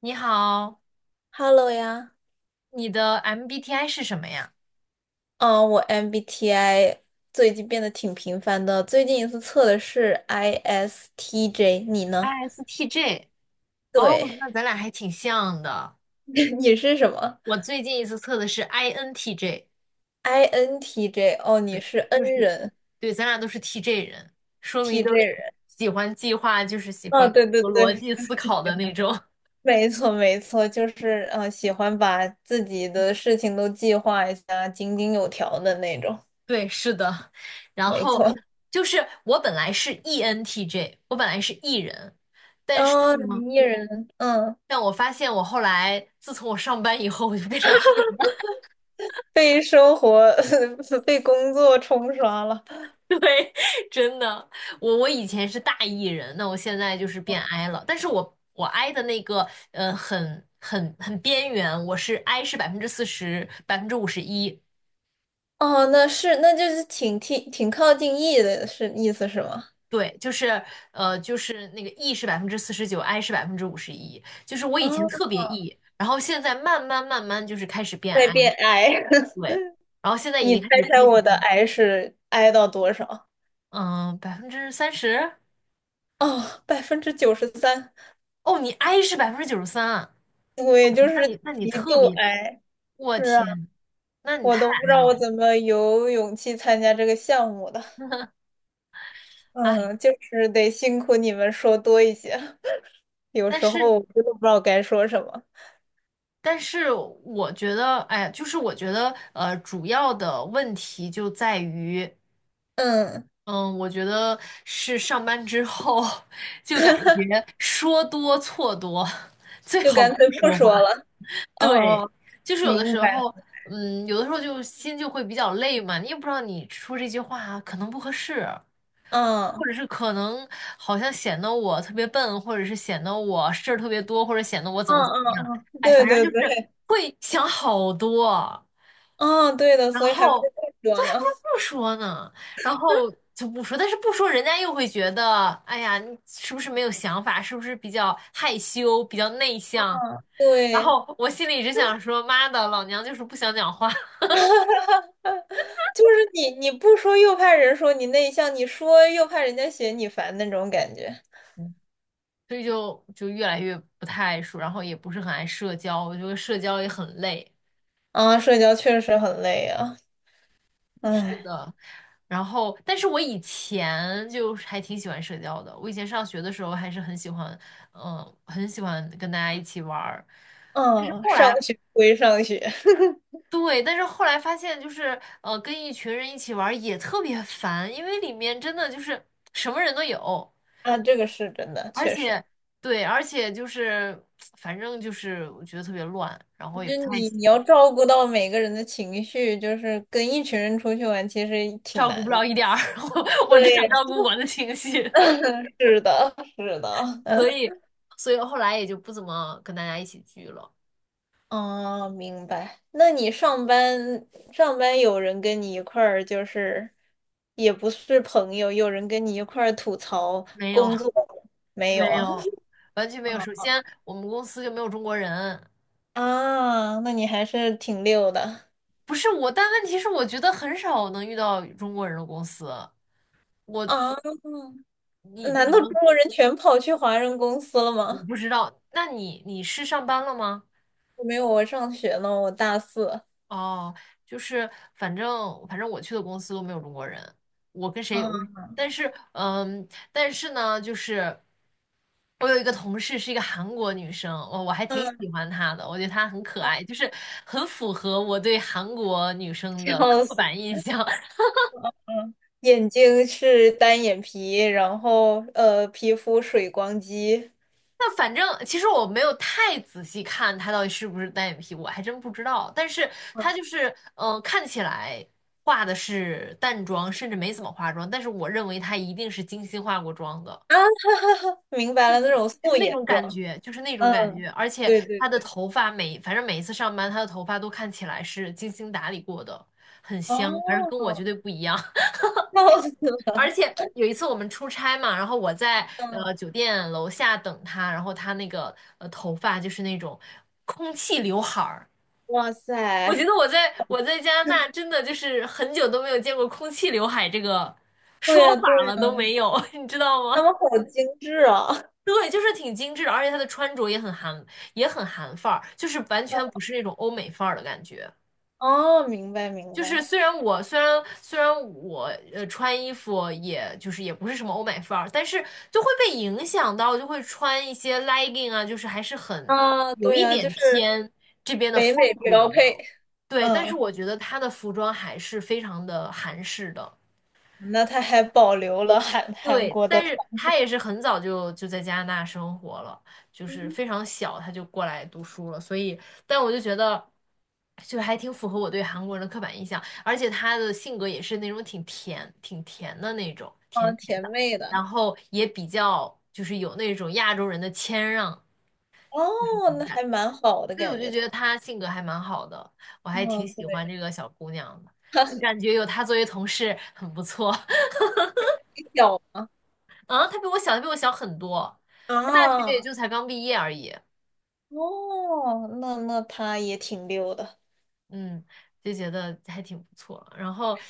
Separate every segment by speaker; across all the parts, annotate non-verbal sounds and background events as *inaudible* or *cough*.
Speaker 1: 你好，
Speaker 2: Hello 呀，
Speaker 1: 你的 MBTI 是什么呀
Speaker 2: 嗯，我 MBTI 最近变得挺频繁的，最近一次测的是 ISTJ，你呢？
Speaker 1: ？ISTJ。哦，
Speaker 2: 对，
Speaker 1: 那咱俩还挺像的。
Speaker 2: *laughs* 你是什么
Speaker 1: 我最近一次测的是 INTJ，
Speaker 2: ？INTJ，哦，你
Speaker 1: 对，
Speaker 2: 是 N
Speaker 1: 就是，
Speaker 2: 人
Speaker 1: 对，咱俩都是 TJ 人，说明
Speaker 2: ，TJ
Speaker 1: 都是
Speaker 2: 人。
Speaker 1: 喜欢计划，就是喜
Speaker 2: 啊？
Speaker 1: 欢
Speaker 2: 对对
Speaker 1: 有
Speaker 2: 对，
Speaker 1: 逻辑
Speaker 2: 就
Speaker 1: 思
Speaker 2: 是
Speaker 1: 考
Speaker 2: 喜
Speaker 1: 的那
Speaker 2: 欢，
Speaker 1: 种。
Speaker 2: 没错没错，就是喜欢把自己的事情都计划一下，井井有条的那种。
Speaker 1: *laughs* 对，是的。然
Speaker 2: 没
Speaker 1: 后
Speaker 2: 错，
Speaker 1: 就是我本来是 ENTJ，我本来是 E 人，
Speaker 2: 哦，
Speaker 1: 嗯
Speaker 2: 你 E 人，嗯，
Speaker 1: 但我发现我后来自从我上班以后，我就变成，
Speaker 2: 被生活、*laughs* 被工作冲刷了。
Speaker 1: 对，*laughs* 真的，我以前是大 E 人，那我现在就是变 I 了。但是我 I 的那个很边缘，我是 I 是百分之四十，百分之五十一。
Speaker 2: 哦，那是，那就是挺靠近 E 的，是意思是吗？
Speaker 1: 对，就是那个 E 是49%，I 是百分之五十一。就是我
Speaker 2: 啊，
Speaker 1: 以前特别 E,然后现在慢慢慢慢就是开始变
Speaker 2: 在
Speaker 1: I,
Speaker 2: 变 I，*laughs*
Speaker 1: 对，然后现在已
Speaker 2: 你
Speaker 1: 经
Speaker 2: 猜
Speaker 1: 开始
Speaker 2: 猜
Speaker 1: 偏向
Speaker 2: 我的 I 是 I 到多少？
Speaker 1: 嗯30%。
Speaker 2: 哦，百分之九十三，
Speaker 1: 哦，你 I 是93%啊，
Speaker 2: 我也就
Speaker 1: 那
Speaker 2: 是
Speaker 1: 你那你
Speaker 2: 极
Speaker 1: 特
Speaker 2: 度
Speaker 1: 别，
Speaker 2: I。
Speaker 1: 我
Speaker 2: 是啊，
Speaker 1: 天，那你
Speaker 2: 我
Speaker 1: 太
Speaker 2: 都不知
Speaker 1: 矮
Speaker 2: 道我
Speaker 1: 了，
Speaker 2: 怎么有勇气参加这个项目的。
Speaker 1: 哎，
Speaker 2: 嗯，就是得辛苦你们说多一些，*laughs* 有
Speaker 1: 但
Speaker 2: 时候
Speaker 1: 是
Speaker 2: 我真的不知道该说什么。
Speaker 1: 但是我觉得，哎，就是我觉得，主要的问题就在于，
Speaker 2: 嗯，
Speaker 1: 嗯，我觉得是上班之后 *laughs* 就感觉说多错多，最
Speaker 2: 就
Speaker 1: 好
Speaker 2: 干
Speaker 1: 不
Speaker 2: 脆不
Speaker 1: 说
Speaker 2: 说
Speaker 1: 话。
Speaker 2: 了。
Speaker 1: 对，
Speaker 2: 哦，
Speaker 1: 就是有的
Speaker 2: 明
Speaker 1: 时
Speaker 2: 白。
Speaker 1: 候，有的时候就心就会比较累嘛，你也不知道你说这句话可能不合适，或
Speaker 2: 嗯。
Speaker 1: 者是可能好像显得我特别笨，或者是显得我事儿特别多，或者显得我怎
Speaker 2: 嗯
Speaker 1: 么怎么
Speaker 2: 嗯
Speaker 1: 样，
Speaker 2: 嗯，
Speaker 1: 哎，
Speaker 2: 对
Speaker 1: 反正
Speaker 2: 对
Speaker 1: 就是
Speaker 2: 对，
Speaker 1: 会想好多，
Speaker 2: 嗯，对的，
Speaker 1: 然
Speaker 2: 所以还不是
Speaker 1: 后
Speaker 2: 最热
Speaker 1: 对，还不
Speaker 2: 呢。
Speaker 1: 如不说呢，然后就不说，但是不说人家又会觉得，哎呀，你是不是没有想法，是不是比较害羞，比较内向？然
Speaker 2: 对，
Speaker 1: 后我心里只想说，妈的，老娘就是不想讲话。
Speaker 2: *laughs* 就是你不说又怕人说你内向，你说又怕人家嫌你烦那种感觉。
Speaker 1: *laughs* 所以就越来越不太爱说，然后也不是很爱社交，我觉得社交也很累。
Speaker 2: 啊，社交确实很累啊，唉，
Speaker 1: 呃。然后，但是我以前就是还挺喜欢社交的。我以前上学的时候还是很喜欢，很喜欢跟大家一起玩儿。
Speaker 2: 嗯，
Speaker 1: 后
Speaker 2: 上
Speaker 1: 来，
Speaker 2: 学归上学 *laughs*
Speaker 1: 对，但是后来发现就是，跟一群人一起玩儿也特别烦，因为里面真的就是什么人都有，
Speaker 2: 啊，这个是真的，
Speaker 1: 而
Speaker 2: 确实，
Speaker 1: 且，对，而且就是，反正就是我觉得特别乱，然后也不
Speaker 2: 就
Speaker 1: 太
Speaker 2: 你
Speaker 1: 喜
Speaker 2: 你要
Speaker 1: 欢，
Speaker 2: 照顾到每个人的情绪，就是跟一群人出去玩，其实挺
Speaker 1: 照顾
Speaker 2: 难
Speaker 1: 不
Speaker 2: 的。
Speaker 1: 了一点儿，*laughs* 我只想
Speaker 2: 对，
Speaker 1: 照顾我的情绪，*laughs*
Speaker 2: 是的，是的，
Speaker 1: 所
Speaker 2: 嗯。
Speaker 1: 以，所以后来也就不怎么跟大家一起聚了，
Speaker 2: 哦，明白。那你上班有人跟你一块儿，就是也不是朋友，有人跟你一块儿吐槽
Speaker 1: 没有。
Speaker 2: 工作没
Speaker 1: 没
Speaker 2: 有啊？
Speaker 1: 有，完全没有。
Speaker 2: *laughs*
Speaker 1: 首
Speaker 2: 哦
Speaker 1: 先，我们公司就没有中国人，
Speaker 2: 啊，那你还是挺溜的
Speaker 1: 不是我，但问题是，我觉得很少能遇到中国人的公司。我，
Speaker 2: 啊。
Speaker 1: 你，
Speaker 2: 难
Speaker 1: 你
Speaker 2: 道中
Speaker 1: 们，
Speaker 2: 国人全跑去华人公司了
Speaker 1: 我
Speaker 2: 吗？
Speaker 1: 不知道。那你，你是上班了吗？
Speaker 2: 没有，我上学呢，我大四。
Speaker 1: 哦，就是反正我去的公司都没有中国人，我跟谁，
Speaker 2: 啊，
Speaker 1: 但是呢，就是我有一个同事是一个韩国女生，我还挺
Speaker 2: 嗯，
Speaker 1: 喜欢她的，我觉得她很可爱，
Speaker 2: *laughs*
Speaker 1: 就是很符合我对韩国女生的
Speaker 2: 笑
Speaker 1: 刻
Speaker 2: 死
Speaker 1: 板
Speaker 2: 了。
Speaker 1: 印象。
Speaker 2: 眼睛是单眼皮，然后皮肤水光肌。
Speaker 1: 那反正其实我没有太仔细看她到底是不是单眼皮，我还真不知道。但是她就是，看起来化的是淡妆，甚至没怎么化妆，但是我认为她一定是精心化过妆的，
Speaker 2: 啊，*laughs* 哈哈哈，明白了，那种
Speaker 1: 就是
Speaker 2: 素
Speaker 1: 那
Speaker 2: 颜
Speaker 1: 种感
Speaker 2: 妆。
Speaker 1: 觉，就是那种感
Speaker 2: 嗯，
Speaker 1: 觉。而且
Speaker 2: 对对
Speaker 1: 她的
Speaker 2: 对。
Speaker 1: 头发每，反正每一次上班，她的头发都看起来是精心打理过的，很香，反正跟我绝
Speaker 2: 哦，
Speaker 1: 对不一样。
Speaker 2: 笑死
Speaker 1: 而
Speaker 2: 了。
Speaker 1: 且有一次我们出差嘛，然后我在
Speaker 2: 嗯，
Speaker 1: 酒店楼下等他，然后他那个头发就是那种空气刘海儿，
Speaker 2: 哇
Speaker 1: 我觉得
Speaker 2: 塞，
Speaker 1: 我在加拿大真的就是很久都没有见过空气刘海这个说
Speaker 2: 对呀对
Speaker 1: 法了，都
Speaker 2: 呀，
Speaker 1: 没有，*laughs* 你知道
Speaker 2: 他
Speaker 1: 吗？
Speaker 2: 们好精致啊。
Speaker 1: 对，就是挺精致的，而且他的穿着也很韩，也很韩范儿，就是完全不是那种欧美范儿的感觉。
Speaker 2: 哦，明白明
Speaker 1: 就是
Speaker 2: 白。
Speaker 1: 虽然我穿衣服也就是也不是什么欧美范儿，但是就会被影响到，就会穿一些 legging 啊，就是还是很
Speaker 2: 啊，
Speaker 1: 有
Speaker 2: 对
Speaker 1: 一
Speaker 2: 呀，就
Speaker 1: 点
Speaker 2: 是
Speaker 1: 偏这边的
Speaker 2: 北
Speaker 1: 风
Speaker 2: 美标
Speaker 1: 格了。
Speaker 2: 配。
Speaker 1: 对，但是
Speaker 2: 嗯，
Speaker 1: 我觉得他的服装还是非常的韩式的。
Speaker 2: 那他还保留了韩韩
Speaker 1: 对，
Speaker 2: 国的
Speaker 1: 但
Speaker 2: 传
Speaker 1: 是他也是很早就在加拿大生活了，就
Speaker 2: 统
Speaker 1: 是
Speaker 2: 嗯，
Speaker 1: 非常小他就过来读书了，所以，但我就觉得，就还挺符合我对韩国人的刻板印象，而且他的性格也是那种挺甜、挺甜的那种，
Speaker 2: 啊
Speaker 1: 甜甜
Speaker 2: 甜
Speaker 1: 的，
Speaker 2: 妹的。
Speaker 1: 然后也比较就是有那种亚洲人的谦让
Speaker 2: 哦，那
Speaker 1: 感，
Speaker 2: 还蛮好的
Speaker 1: 所以我
Speaker 2: 感
Speaker 1: 就
Speaker 2: 觉
Speaker 1: 觉
Speaker 2: 他。
Speaker 1: 得他性格还蛮好的，我还挺
Speaker 2: 嗯，
Speaker 1: 喜欢
Speaker 2: 对，
Speaker 1: 这个小姑娘的，就感觉有她作为同事很不错。
Speaker 2: 你小吗？
Speaker 1: 啊，他比我小，他比我小很多，他大学也
Speaker 2: 啊，
Speaker 1: 就才刚毕业而已，
Speaker 2: 哦，那他也挺溜的。
Speaker 1: 嗯，就觉得还挺不错。然后，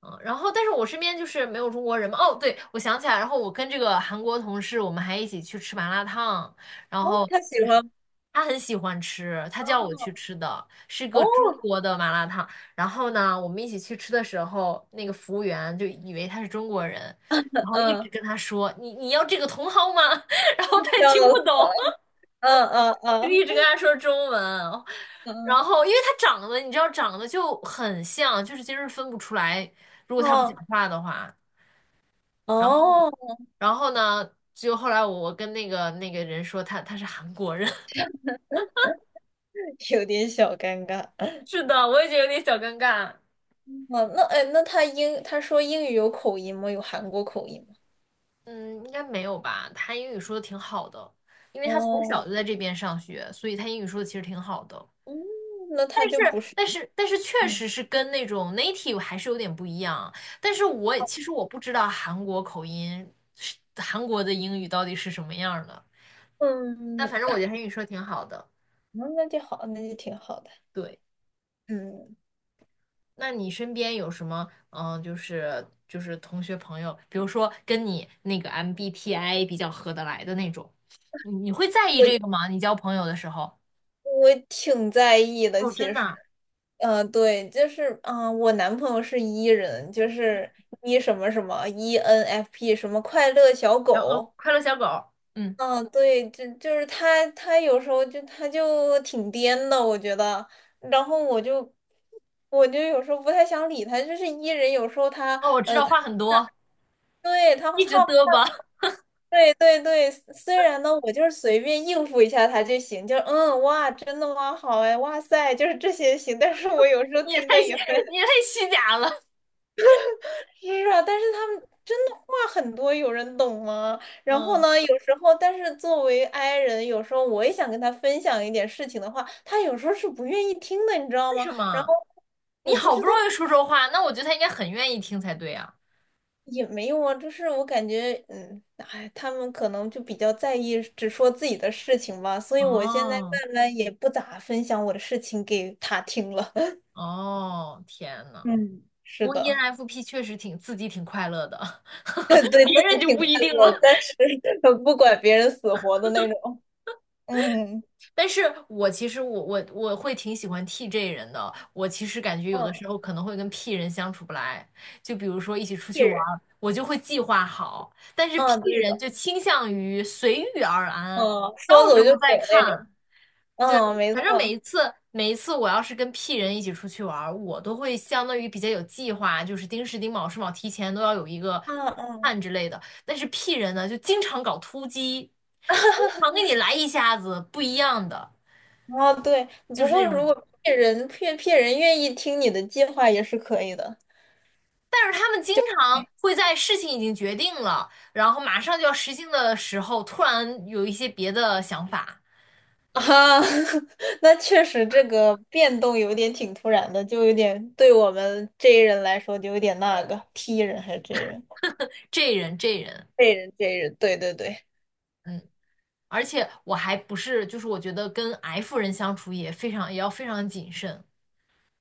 Speaker 1: 但是我身边就是没有中国人嘛。哦，对，我想起来，然后我跟这个韩国同事，我们还一起去吃麻辣烫，然
Speaker 2: 哦，
Speaker 1: 后
Speaker 2: 他喜
Speaker 1: 就是
Speaker 2: 欢
Speaker 1: 他很喜欢吃，他叫我去
Speaker 2: 哦，
Speaker 1: 吃的，是
Speaker 2: 哦，
Speaker 1: 个中国的麻辣烫。然后呢，我们一起去吃的时候，那个服务员就以为他是中国人。然后一直
Speaker 2: 嗯，
Speaker 1: 跟他说：“你你要这个茼蒿吗？” *laughs* 然后他也
Speaker 2: 笑
Speaker 1: 听不
Speaker 2: 死，
Speaker 1: 懂。
Speaker 2: 嗯嗯
Speaker 1: 就
Speaker 2: 嗯
Speaker 1: 一直跟他说中文，然
Speaker 2: 嗯
Speaker 1: 后因为他长得，你知道长得就很像，就是其实分不出来，如果他不讲
Speaker 2: 哦
Speaker 1: 话的话。然后，
Speaker 2: 哦，
Speaker 1: 然后呢就后来我跟那个人说他是韩国人，*laughs*
Speaker 2: 有点小尴尬。嗯
Speaker 1: 是的，我也觉得有点小尴尬。
Speaker 2: 哦，那哎，那他英他说英语有口音吗？有韩国口音吗？
Speaker 1: 嗯，应该没有吧？他英语说的挺好的，因为他从小
Speaker 2: 哦，
Speaker 1: 就在这边上学，所以他英语说的其实挺好的。
Speaker 2: 嗯，那他就不
Speaker 1: 是，
Speaker 2: 是，
Speaker 1: 但是确
Speaker 2: 嗯
Speaker 1: 实是跟那种 native 还是有点不一样。但是我也其实我不知道韩国口音是韩国的英语到底是什么样儿的。但
Speaker 2: 嗯，
Speaker 1: 反正我觉得韩语说挺好的。
Speaker 2: 嗯那就好，那就挺好的。
Speaker 1: 对，
Speaker 2: 嗯，
Speaker 1: 那你身边有什么就是同学朋友，比如说跟你那个 MBTI 比较合得来的那种，你会在意这个
Speaker 2: 我
Speaker 1: 吗？你交朋友的时候？
Speaker 2: 我挺在意的，
Speaker 1: 哦，真
Speaker 2: 其
Speaker 1: 的
Speaker 2: 实。
Speaker 1: 啊。
Speaker 2: 嗯，对，就是啊、我男朋友是 E 人，就是 E 什么什么 ENFP 什么快乐小
Speaker 1: 然后哦，
Speaker 2: 狗。
Speaker 1: 快乐小狗，嗯，
Speaker 2: 嗯、对，就是他，他有时候就他就挺颠的，我觉得。然后我就有时候不太想理他，就是 E 人，有时候他
Speaker 1: 哦，我知道
Speaker 2: 他
Speaker 1: 话很多，
Speaker 2: 对他
Speaker 1: 一直
Speaker 2: 他
Speaker 1: 嘚吧。
Speaker 2: 对对对，虽然呢，我就是随便应付一下他就行，就嗯哇，真的吗？好哎，哇塞，就是这些行。但是我有时候
Speaker 1: 你也
Speaker 2: 听
Speaker 1: 太
Speaker 2: 的也。
Speaker 1: 你也太虚假了。
Speaker 2: 是啊，但是他们真的话很多，有人懂吗？然后
Speaker 1: 嗯，
Speaker 2: 呢，有时候，但是作为 i 人，有时候我也想跟他分享一点事情的话，他有时候是不愿意听的，你知道
Speaker 1: 为
Speaker 2: 吗？
Speaker 1: 什
Speaker 2: 然
Speaker 1: 么？
Speaker 2: 后
Speaker 1: 你
Speaker 2: 我不
Speaker 1: 好
Speaker 2: 知
Speaker 1: 不
Speaker 2: 道
Speaker 1: 容易说说话，那我觉得他应该很愿意听才对啊。
Speaker 2: 也没用啊，就是我感觉，嗯，哎，他们可能就比较在意只说自己的事情吧，所以我现在
Speaker 1: 哦
Speaker 2: 慢慢也不咋分享我的事情给他听了。
Speaker 1: 哦，天
Speaker 2: *laughs*
Speaker 1: 呐，
Speaker 2: 嗯，是
Speaker 1: 不过
Speaker 2: 的，
Speaker 1: ENFP 确实挺自己挺快乐的，*laughs*
Speaker 2: 对
Speaker 1: 别
Speaker 2: 自己
Speaker 1: 人就
Speaker 2: 挺
Speaker 1: 不
Speaker 2: 快
Speaker 1: 一定了。
Speaker 2: 乐，但是 *laughs* 不管别人死活的那种。嗯
Speaker 1: 但是我其实我我我会挺喜欢 TJ 人的，我其实感觉有的
Speaker 2: 嗯，
Speaker 1: 时候可能会跟 P 人相处不来，就比如说一起出
Speaker 2: 艺
Speaker 1: 去玩
Speaker 2: 人。
Speaker 1: 儿，我就会计划好，但是 P
Speaker 2: 嗯，对
Speaker 1: 人
Speaker 2: 的，
Speaker 1: 就倾向于随遇而安，
Speaker 2: 嗯，
Speaker 1: 到
Speaker 2: 说
Speaker 1: 时
Speaker 2: 走
Speaker 1: 候
Speaker 2: 就
Speaker 1: 再
Speaker 2: 走那种，
Speaker 1: 看，对，
Speaker 2: 嗯，没
Speaker 1: 反正每
Speaker 2: 错，
Speaker 1: 一次每一次我要是跟 P 人一起出去玩儿，我都会相当于比较有计划，就是丁时丁卯是卯提前都要有一个
Speaker 2: 嗯
Speaker 1: p
Speaker 2: 嗯，
Speaker 1: l 之类的。但是 P 人呢，就经常搞突击，经常给你来一下子不一样的，
Speaker 2: 哦，对，
Speaker 1: 就
Speaker 2: 不
Speaker 1: 是那
Speaker 2: 过
Speaker 1: 种。
Speaker 2: 如果骗人愿意听你的计划也是可以的
Speaker 1: 但是他们经常
Speaker 2: 哎
Speaker 1: 会在事情已经决定了，然后马上就要实行的时候，突然有一些别的想法。
Speaker 2: 啊，*laughs* 那确实这个变动有点挺突然的，就有点对我们 J 人来说就有点那个踢人还是 J 人
Speaker 1: *laughs* 这人，
Speaker 2: ，J 人 J 人，对对对
Speaker 1: 嗯。而且我还不是，就是我觉得跟 F 人相处也非常，也要非常谨慎，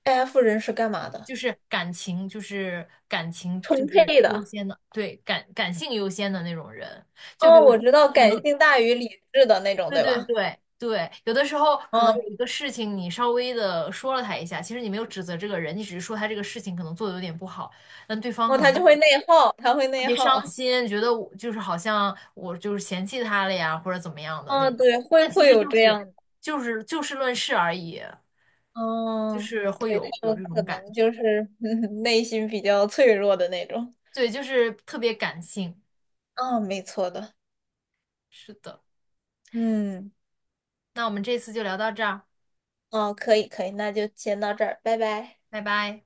Speaker 2: ，F 人是干嘛的？
Speaker 1: 就是感情，就是感情，就
Speaker 2: 充
Speaker 1: 是
Speaker 2: 沛
Speaker 1: 优
Speaker 2: 的，
Speaker 1: 先的，对，感性优先的那种人。就比
Speaker 2: 哦，
Speaker 1: 如
Speaker 2: 我
Speaker 1: 说，
Speaker 2: 知道，
Speaker 1: 可
Speaker 2: 感
Speaker 1: 能
Speaker 2: 性大于理智的那种，
Speaker 1: 对
Speaker 2: 对
Speaker 1: 对
Speaker 2: 吧？
Speaker 1: 对对，有的时候可能
Speaker 2: 哦，
Speaker 1: 有一个事情，你稍微的说了他一下，其实你没有指责这个人，你只是说他这个事情可能做的有点不好，但对方
Speaker 2: 哦，
Speaker 1: 可能
Speaker 2: 他就
Speaker 1: 会
Speaker 2: 会内耗，他会
Speaker 1: 特
Speaker 2: 内
Speaker 1: 别伤
Speaker 2: 耗。
Speaker 1: 心，觉得我就是好像我就是嫌弃他了呀，或者怎么样的那
Speaker 2: 啊，
Speaker 1: 种。
Speaker 2: 对，会
Speaker 1: 但其
Speaker 2: 会
Speaker 1: 实
Speaker 2: 有
Speaker 1: 就
Speaker 2: 这
Speaker 1: 是
Speaker 2: 样的，
Speaker 1: 就是就事论事而已，就
Speaker 2: 嗯，
Speaker 1: 是
Speaker 2: 对，
Speaker 1: 会有
Speaker 2: 他
Speaker 1: 有
Speaker 2: 们
Speaker 1: 这
Speaker 2: 可
Speaker 1: 种感
Speaker 2: 能
Speaker 1: 觉，
Speaker 2: 就是 *laughs* 内心比较脆弱的那种，
Speaker 1: 对，就是特别感性。
Speaker 2: 啊，没错的，
Speaker 1: 是的，
Speaker 2: 嗯，
Speaker 1: 那我们这次就聊到这儿，
Speaker 2: 哦，可以可以，那就先到这儿，拜拜。
Speaker 1: 拜拜。